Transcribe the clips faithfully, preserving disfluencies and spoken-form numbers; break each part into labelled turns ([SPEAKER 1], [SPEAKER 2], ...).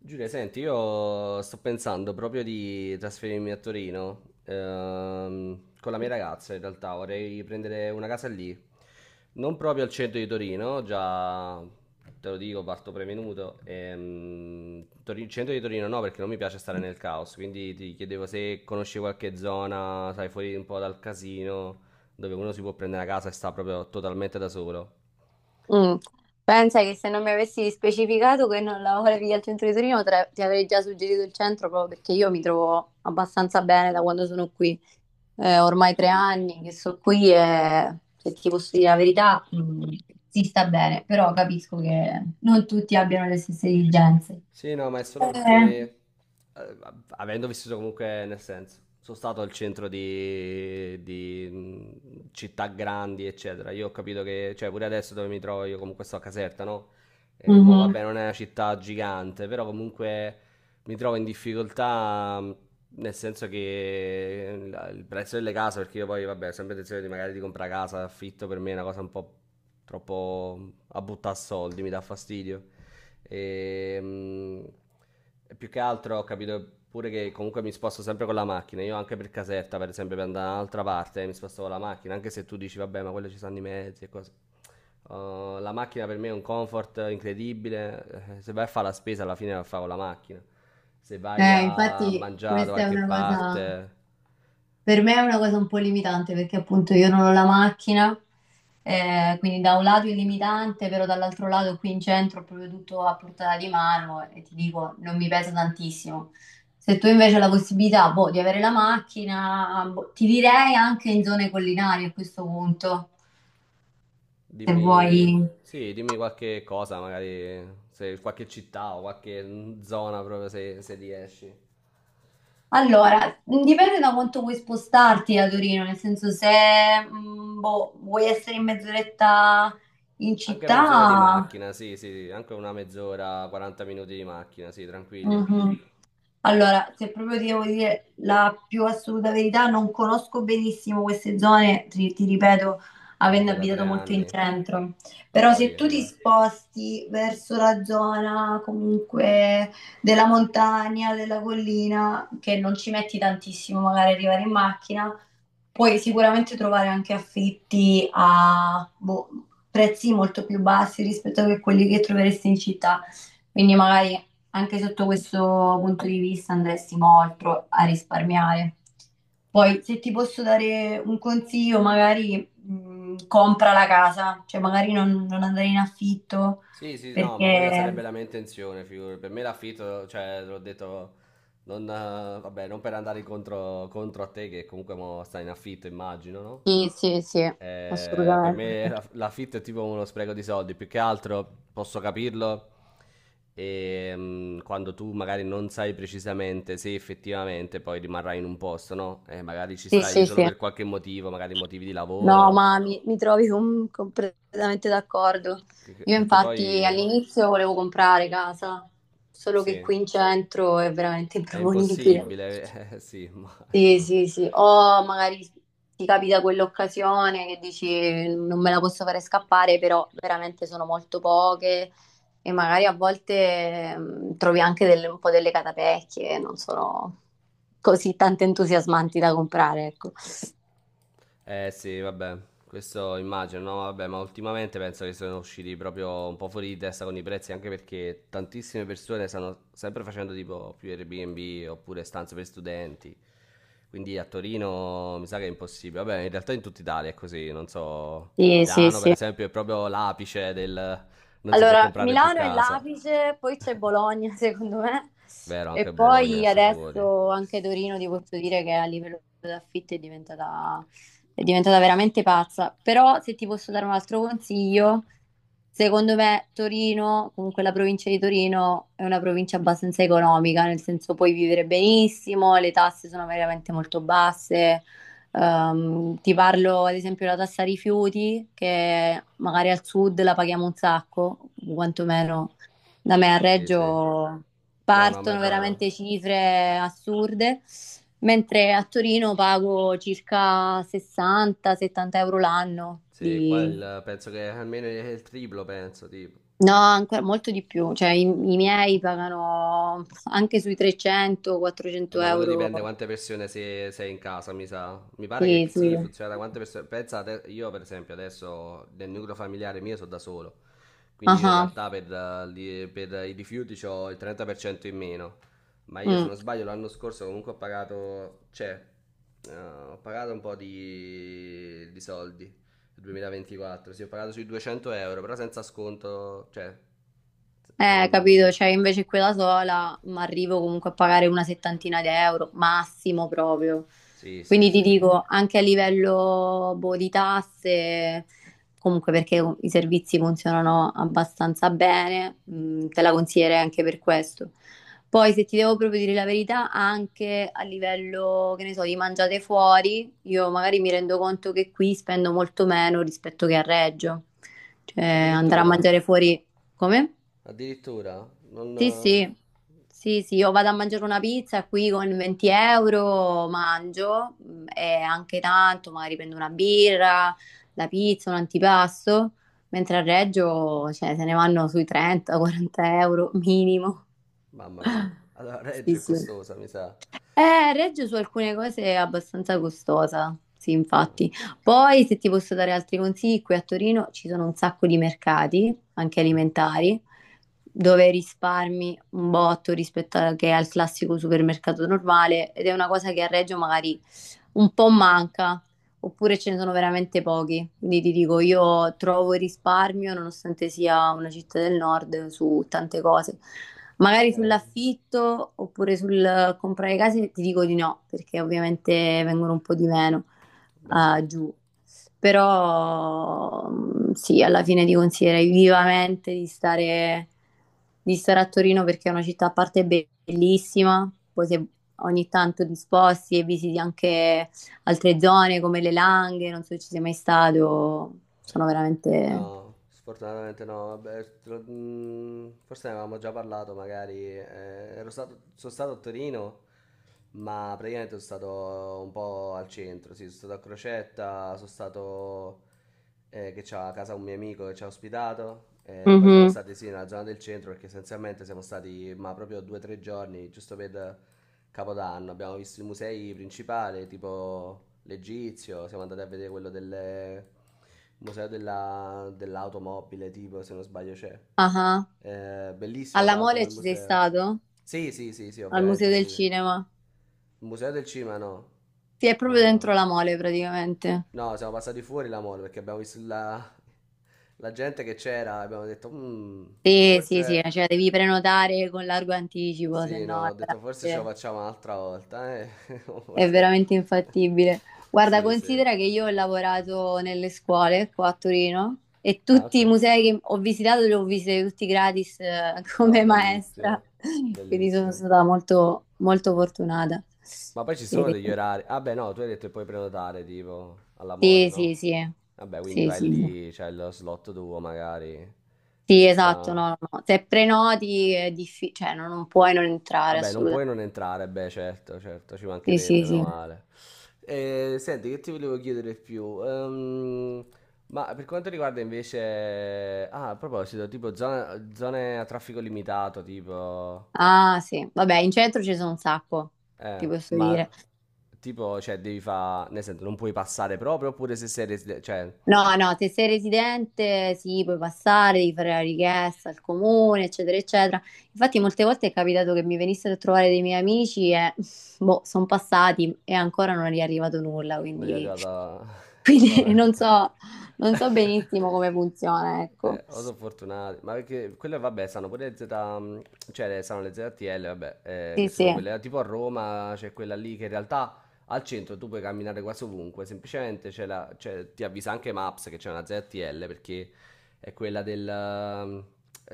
[SPEAKER 1] Giulia, senti, io sto pensando proprio di trasferirmi a Torino, ehm, con la mia ragazza in realtà, vorrei prendere una casa lì, non proprio al centro di Torino, già te lo dico, parto prevenuto, ehm, Tori- centro di Torino no perché non mi piace stare nel caos, quindi ti chiedevo se conosci qualche zona, sai, fuori un po' dal casino, dove uno si può prendere una casa e sta proprio totalmente da solo.
[SPEAKER 2] Mm. Pensa che se non mi avessi specificato che non lavoravi al centro di Torino, tra- ti avrei già suggerito il centro proprio perché io mi trovo abbastanza bene da quando sono qui. Eh, ormai tre anni che sono qui e se ti posso dire la verità, mm, si sta bene, però capisco che non tutti abbiano le stesse esigenze.
[SPEAKER 1] Sì, no, ma è solo
[SPEAKER 2] Eh,
[SPEAKER 1] perché, eh, avendo vissuto comunque, nel senso, sono stato al centro di, di, mh, città grandi, eccetera. Io ho capito che, cioè, pure adesso dove mi trovo, io comunque sto a Caserta, no? Eh, mo,
[SPEAKER 2] mhm.
[SPEAKER 1] vabbè, non è una città gigante, però comunque mi trovo in difficoltà, mh, nel senso che eh, la- il prezzo delle case, perché io poi, vabbè, ho sempre intenzione di magari di comprare casa, affitto, per me è una cosa un po' troppo a buttare soldi, mi dà fastidio. E, mm, e più che altro ho capito pure che comunque mi sposto sempre con la macchina. Io anche per Caserta, per esempio, per andare da un'altra parte mi sposto con la macchina, anche se tu dici vabbè, ma quello ci sono i mezzi e cose. Uh, la macchina per me è un comfort incredibile. Eh, Se vai a fare la spesa, alla fine la fai con la macchina. Se vai
[SPEAKER 2] Eh,
[SPEAKER 1] a
[SPEAKER 2] infatti
[SPEAKER 1] mangiare da
[SPEAKER 2] questa è
[SPEAKER 1] qualche
[SPEAKER 2] una cosa.
[SPEAKER 1] parte,
[SPEAKER 2] Per me è una cosa un po' limitante perché appunto io non ho la macchina, eh, quindi da un lato è limitante, però dall'altro lato qui in centro ho proprio tutto a portata di mano e ti dico, non mi pesa tantissimo. Se tu invece hai la possibilità, boh, di avere la macchina, boh, ti direi anche in zone collinari a questo punto, se vuoi.
[SPEAKER 1] dimmi, sì, dimmi qualche cosa, magari se qualche città o qualche mm, zona proprio se, se riesci.
[SPEAKER 2] Allora, mm, dipende da quanto vuoi spostarti da Torino, nel senso se mm, boh, vuoi essere in mezz'oretta in
[SPEAKER 1] Anche mezz'ora di
[SPEAKER 2] città.
[SPEAKER 1] macchina, sì, sì, sì, anche una mezz'ora, quaranta minuti di macchina, sì, tranquillo.
[SPEAKER 2] Mhm. Allora, se proprio ti devo dire la più assoluta verità, non conosco benissimo queste zone, ti, ti ripeto,
[SPEAKER 1] Vabbè,
[SPEAKER 2] avendo
[SPEAKER 1] sei da
[SPEAKER 2] abitato
[SPEAKER 1] tre
[SPEAKER 2] molto in
[SPEAKER 1] anni.
[SPEAKER 2] centro.
[SPEAKER 1] Ma
[SPEAKER 2] Però se
[SPEAKER 1] poi,
[SPEAKER 2] tu ti
[SPEAKER 1] vabbè.
[SPEAKER 2] sposti verso la zona comunque della montagna, della collina, che non ci metti tantissimo magari arrivare in macchina, puoi sicuramente trovare anche affitti a boh, prezzi molto più bassi rispetto a quelli che troveresti in città, quindi magari anche sotto questo punto di vista andresti molto a risparmiare. Poi, se ti posso dare un consiglio, magari mh, compra la casa, cioè magari non, non andare in affitto
[SPEAKER 1] Sì, sì, no, ma quella sarebbe
[SPEAKER 2] perché.
[SPEAKER 1] la mia intenzione, figurati. Per me l'affitto, cioè, l'ho detto, non, eh, vabbè, non per andare incontro, contro a te, che comunque mo stai in affitto, immagino, no?
[SPEAKER 2] Sì, sì, sì,
[SPEAKER 1] Eh, per
[SPEAKER 2] assolutamente.
[SPEAKER 1] me la- l'affitto è tipo uno spreco di soldi, più che altro posso capirlo e, mm, quando tu magari non sai precisamente se effettivamente poi rimarrai in un posto, no? Eh, magari ci
[SPEAKER 2] Sì,
[SPEAKER 1] stai
[SPEAKER 2] sì,
[SPEAKER 1] solo
[SPEAKER 2] sì.
[SPEAKER 1] per qualche motivo, magari motivi di
[SPEAKER 2] No,
[SPEAKER 1] lavoro,
[SPEAKER 2] ma mi, mi trovi com- completamente d'accordo.
[SPEAKER 1] che- che-
[SPEAKER 2] Io
[SPEAKER 1] perché
[SPEAKER 2] infatti
[SPEAKER 1] poi...
[SPEAKER 2] all'inizio volevo comprare casa, solo che
[SPEAKER 1] Sì.
[SPEAKER 2] qui in centro è veramente
[SPEAKER 1] È
[SPEAKER 2] improponibile.
[SPEAKER 1] impossibile, eh, sì,
[SPEAKER 2] Sì,
[SPEAKER 1] immagino.
[SPEAKER 2] sì, sì. O magari ti capita quell'occasione che dici non me la posso fare scappare, però veramente sono molto poche e magari a volte mh, trovi anche delle- un po' delle catapecchie, non sono così tanto entusiasmanti da comprare, ecco.
[SPEAKER 1] Eh sì, vabbè, questo immagino, no? Vabbè, ma ultimamente penso che sono usciti proprio un po' fuori di testa con i prezzi, anche perché tantissime persone stanno sempre facendo tipo più Airbnb oppure stanze per studenti. Quindi a Torino mi sa che è impossibile. Vabbè, in realtà in tutta Italia è così, non so.
[SPEAKER 2] Sì, sì,
[SPEAKER 1] Milano, per
[SPEAKER 2] sì.
[SPEAKER 1] esempio, è proprio l'apice del non si può
[SPEAKER 2] Allora,
[SPEAKER 1] comprare più
[SPEAKER 2] Milano e
[SPEAKER 1] casa.
[SPEAKER 2] l'Apice, poi c'è Bologna, secondo me,
[SPEAKER 1] Vero,
[SPEAKER 2] e
[SPEAKER 1] anche Bologna
[SPEAKER 2] poi
[SPEAKER 1] sta fuori.
[SPEAKER 2] adesso anche Torino ti posso dire che a livello di affitti è diventata, è diventata veramente pazza. Però se ti posso dare un altro consiglio, secondo me Torino, comunque la provincia di Torino, è una provincia abbastanza economica, nel senso puoi vivere benissimo, le tasse sono veramente molto basse. Ehm, ti parlo ad esempio della tassa rifiuti, che magari al sud la paghiamo un sacco, quantomeno da me a
[SPEAKER 1] Sì, sì.
[SPEAKER 2] Reggio
[SPEAKER 1] No, no, ma è
[SPEAKER 2] partono
[SPEAKER 1] vero.
[SPEAKER 2] veramente cifre assurde, mentre a Torino pago circa sessanta-settanta euro l'anno
[SPEAKER 1] Sì, qua
[SPEAKER 2] di.
[SPEAKER 1] il- penso che almeno il triplo, penso, tipo.
[SPEAKER 2] No, ancora molto di più, cioè i, i miei pagano anche sui trecento-400
[SPEAKER 1] Vabbè, quello
[SPEAKER 2] euro.
[SPEAKER 1] dipende quante persone sei, sei, in casa, mi sa. Mi pare che
[SPEAKER 2] Sì,
[SPEAKER 1] sì,
[SPEAKER 2] sì.
[SPEAKER 1] funziona da quante persone. Pensate, io per esempio adesso nel nucleo familiare mio sono da solo, quindi
[SPEAKER 2] Ah,
[SPEAKER 1] io in
[SPEAKER 2] ah.
[SPEAKER 1] realtà per, eh, li- per i rifiuti ho il trenta per cento in meno. Ma io se
[SPEAKER 2] Mm.
[SPEAKER 1] non sbaglio l'anno scorso comunque ho pagato, cioè, eh, ho pagato un po' di, di soldi, il duemilaventiquattro, sì, ho pagato sui duecento euro, però senza sconto, cioè...
[SPEAKER 2] Eh,
[SPEAKER 1] Mm,
[SPEAKER 2] capito, cioè invece quella sola ma arrivo comunque a pagare una settantina di euro, massimo proprio.
[SPEAKER 1] sì, sì,
[SPEAKER 2] Quindi ti
[SPEAKER 1] sì.
[SPEAKER 2] dico, anche a livello boh, di tasse, comunque perché i servizi funzionano abbastanza bene, mh, te la consiglierei anche per questo. Poi se ti devo proprio dire la verità, anche a livello, che ne so, di mangiate fuori, io magari mi rendo conto che qui spendo molto meno rispetto che a Reggio. Cioè andare a
[SPEAKER 1] Addirittura?
[SPEAKER 2] mangiare fuori come?
[SPEAKER 1] Addirittura? Non...
[SPEAKER 2] Sì,
[SPEAKER 1] eh,
[SPEAKER 2] sì, sì, sì, io vado a mangiare una pizza qui con venti euro, mangio mh, e anche tanto, magari prendo una birra, la pizza, un antipasto, mentre a Reggio, cioè, se ne vanno sui trenta-quaranta euro minimo.
[SPEAKER 1] Mamma mia. Allora,
[SPEAKER 2] Sì,
[SPEAKER 1] Reggio è
[SPEAKER 2] sì.
[SPEAKER 1] costosa, mi sa.
[SPEAKER 2] Eh, Reggio su alcune cose è abbastanza costosa, sì, infatti.
[SPEAKER 1] No.
[SPEAKER 2] Poi, se ti posso dare altri consigli, qui a Torino ci sono un sacco di mercati, anche alimentari, dove risparmi un botto rispetto a- che al classico supermercato normale ed è una cosa che a Reggio magari un po' manca oppure ce ne sono veramente pochi. Quindi ti dico, io trovo il risparmio, nonostante sia una città del nord, su tante cose. Magari
[SPEAKER 1] Eh,
[SPEAKER 2] sull'affitto oppure sul comprare case ti dico di no, perché ovviamente vengono un po' di meno
[SPEAKER 1] beh,
[SPEAKER 2] ah,
[SPEAKER 1] certo.
[SPEAKER 2] giù. Però mm, sì, alla fine ti consiglierei vivamente di stare, di stare a Torino perché è una città a parte bellissima, poi se ogni tanto disposti e visiti anche altre zone come le Langhe, non so se ci sei mai stato, sono veramente.
[SPEAKER 1] No, sfortunatamente no. Vabbè, te lo- mm, forse ne avevamo già parlato, magari. Eh, ero stato, sono stato a Torino, ma praticamente sono stato un po' al centro. Sì, sono stato a Crocetta, sono stato eh, che c'ha a casa un mio amico che ci ha ospitato. Eh, poi siamo
[SPEAKER 2] Mhm.
[SPEAKER 1] stati sì nella zona del centro perché essenzialmente siamo stati ma proprio due o tre giorni, giusto per Capodanno. Abbiamo visto i musei principali, tipo l'Egizio, siamo andati a vedere quello delle museo della- dell'automobile, tipo, se non sbaglio c'è.
[SPEAKER 2] Ah,
[SPEAKER 1] Eh, bellissimo, tra
[SPEAKER 2] alla
[SPEAKER 1] l'altro,
[SPEAKER 2] Mole
[SPEAKER 1] quel
[SPEAKER 2] ci sei
[SPEAKER 1] museo.
[SPEAKER 2] stato?
[SPEAKER 1] Sì, sì, sì, sì,
[SPEAKER 2] Al Museo
[SPEAKER 1] ovviamente
[SPEAKER 2] del
[SPEAKER 1] sì.
[SPEAKER 2] Cinema?
[SPEAKER 1] Il museo del cinema no.
[SPEAKER 2] Sì, è proprio
[SPEAKER 1] No,
[SPEAKER 2] dentro
[SPEAKER 1] no.
[SPEAKER 2] la Mole praticamente.
[SPEAKER 1] No, siamo passati fuori la mall perché abbiamo visto la, la gente che c'era e abbiamo detto, "Mm,
[SPEAKER 2] Sì, sì, sì,
[SPEAKER 1] forse...
[SPEAKER 2] cioè devi prenotare con largo anticipo, se
[SPEAKER 1] Sì, no,
[SPEAKER 2] no è
[SPEAKER 1] ho detto forse ce lo
[SPEAKER 2] veramente-
[SPEAKER 1] facciamo un'altra volta, eh. O
[SPEAKER 2] è
[SPEAKER 1] forse...
[SPEAKER 2] veramente infattibile. Guarda,
[SPEAKER 1] Sì, sì.
[SPEAKER 2] considera che io ho lavorato nelle scuole qua a Torino e
[SPEAKER 1] Ah,
[SPEAKER 2] tutti
[SPEAKER 1] ok.
[SPEAKER 2] i musei che ho visitato li ho visitati tutti gratis eh,
[SPEAKER 1] Ah,
[SPEAKER 2] come
[SPEAKER 1] bellissimo.
[SPEAKER 2] maestra, quindi sono
[SPEAKER 1] Bellissimo.
[SPEAKER 2] stata molto, molto fortunata.
[SPEAKER 1] Ma poi ci sono
[SPEAKER 2] E-
[SPEAKER 1] degli orari. Ah beh, no, tu hai detto che puoi prenotare tipo alla Mole,
[SPEAKER 2] Sì, sì,
[SPEAKER 1] no?
[SPEAKER 2] sì,
[SPEAKER 1] Vabbè, quindi
[SPEAKER 2] sì,
[SPEAKER 1] vai
[SPEAKER 2] sì, sì.
[SPEAKER 1] lì, c'è lo slot tuo magari.
[SPEAKER 2] Sì,
[SPEAKER 1] Ci
[SPEAKER 2] esatto,
[SPEAKER 1] sta.
[SPEAKER 2] no, no, no. Se prenoti è difficile, cioè no, non puoi non entrare
[SPEAKER 1] Vabbè, non puoi
[SPEAKER 2] assolutamente.
[SPEAKER 1] non entrare, beh, certo, certo, ci
[SPEAKER 2] Sì,
[SPEAKER 1] mancherebbe,
[SPEAKER 2] sì,
[SPEAKER 1] meno
[SPEAKER 2] sì.
[SPEAKER 1] male. Eh, senti, che ti volevo chiedere di più? Ehm, ma per quanto riguarda invece... Ah, a proposito, tipo zona- zone a traffico limitato, tipo...
[SPEAKER 2] Ah, sì. Vabbè, in centro ci sono un sacco, ti
[SPEAKER 1] Eh,
[SPEAKER 2] posso dire.
[SPEAKER 1] ma tipo, cioè, devi fare... Nel senso, non puoi passare proprio, oppure se sei... resi- Cioè,
[SPEAKER 2] No, no, se sei residente sì, puoi passare, devi fare la richiesta al comune, eccetera, eccetera. Infatti molte volte è capitato che mi venissero a trovare dei miei amici e boh, sono passati e ancora non è arrivato nulla,
[SPEAKER 1] Noi è
[SPEAKER 2] quindi,
[SPEAKER 1] arrivata...
[SPEAKER 2] quindi
[SPEAKER 1] Vabbè.
[SPEAKER 2] non so, non so benissimo come funziona,
[SPEAKER 1] Eh,
[SPEAKER 2] ecco.
[SPEAKER 1] o sono fortunati, ma perché quelle vabbè sanno pure le Z, mm, cioè sanno le Z T L, vabbè, eh, che
[SPEAKER 2] Sì,
[SPEAKER 1] sono
[SPEAKER 2] sì.
[SPEAKER 1] quelle tipo a Roma c'è quella lì che in realtà al centro tu puoi camminare quasi ovunque, semplicemente c'è la, cioè, ti avvisa anche Maps che c'è una Z T L perché è quella del, ehm,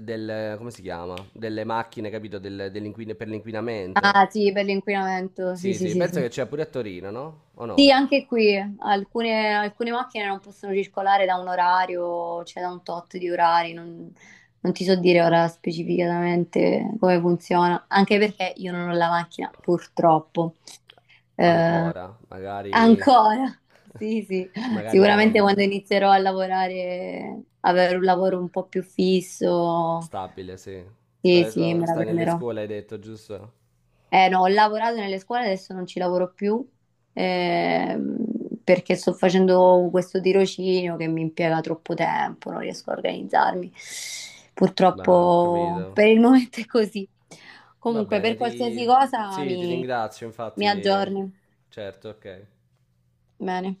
[SPEAKER 1] del- come si chiama? Delle macchine, capito? Del- dell'inquin- per l'inquinamento.
[SPEAKER 2] Ah, sì, per l'inquinamento, sì,
[SPEAKER 1] Sì,
[SPEAKER 2] sì,
[SPEAKER 1] sì,
[SPEAKER 2] sì,
[SPEAKER 1] penso
[SPEAKER 2] sì.
[SPEAKER 1] che c'è pure a Torino, no? O no?
[SPEAKER 2] Sì, anche qui alcune, alcune macchine non possono circolare da un orario, cioè da un tot di orari, non, non ti so dire ora specificatamente come funziona, anche perché io non ho la macchina, purtroppo. Eh,
[SPEAKER 1] Ancora, magari,
[SPEAKER 2] Ancora, sì, sì,
[SPEAKER 1] magari
[SPEAKER 2] sicuramente
[SPEAKER 1] cambia.
[SPEAKER 2] quando inizierò a lavorare, avere un lavoro un po' più fisso,
[SPEAKER 1] Stabile, sì. Tu hai
[SPEAKER 2] sì, sì,
[SPEAKER 1] detto,
[SPEAKER 2] me la
[SPEAKER 1] stai nelle
[SPEAKER 2] prenderò.
[SPEAKER 1] scuole, hai detto, giusto?
[SPEAKER 2] Eh no, ho lavorato nelle scuole, adesso non ci lavoro più ehm, perché sto facendo questo tirocinio che mi impiega troppo tempo, non riesco a organizzarmi.
[SPEAKER 1] Ma ho
[SPEAKER 2] Purtroppo
[SPEAKER 1] capito.
[SPEAKER 2] per il momento è così.
[SPEAKER 1] Va
[SPEAKER 2] Comunque,
[SPEAKER 1] bene,
[SPEAKER 2] per
[SPEAKER 1] ti...
[SPEAKER 2] qualsiasi cosa
[SPEAKER 1] Sì, ti
[SPEAKER 2] mi,
[SPEAKER 1] ringrazio,
[SPEAKER 2] mi
[SPEAKER 1] infatti.
[SPEAKER 2] aggiorni.
[SPEAKER 1] Certo, ok.
[SPEAKER 2] Bene.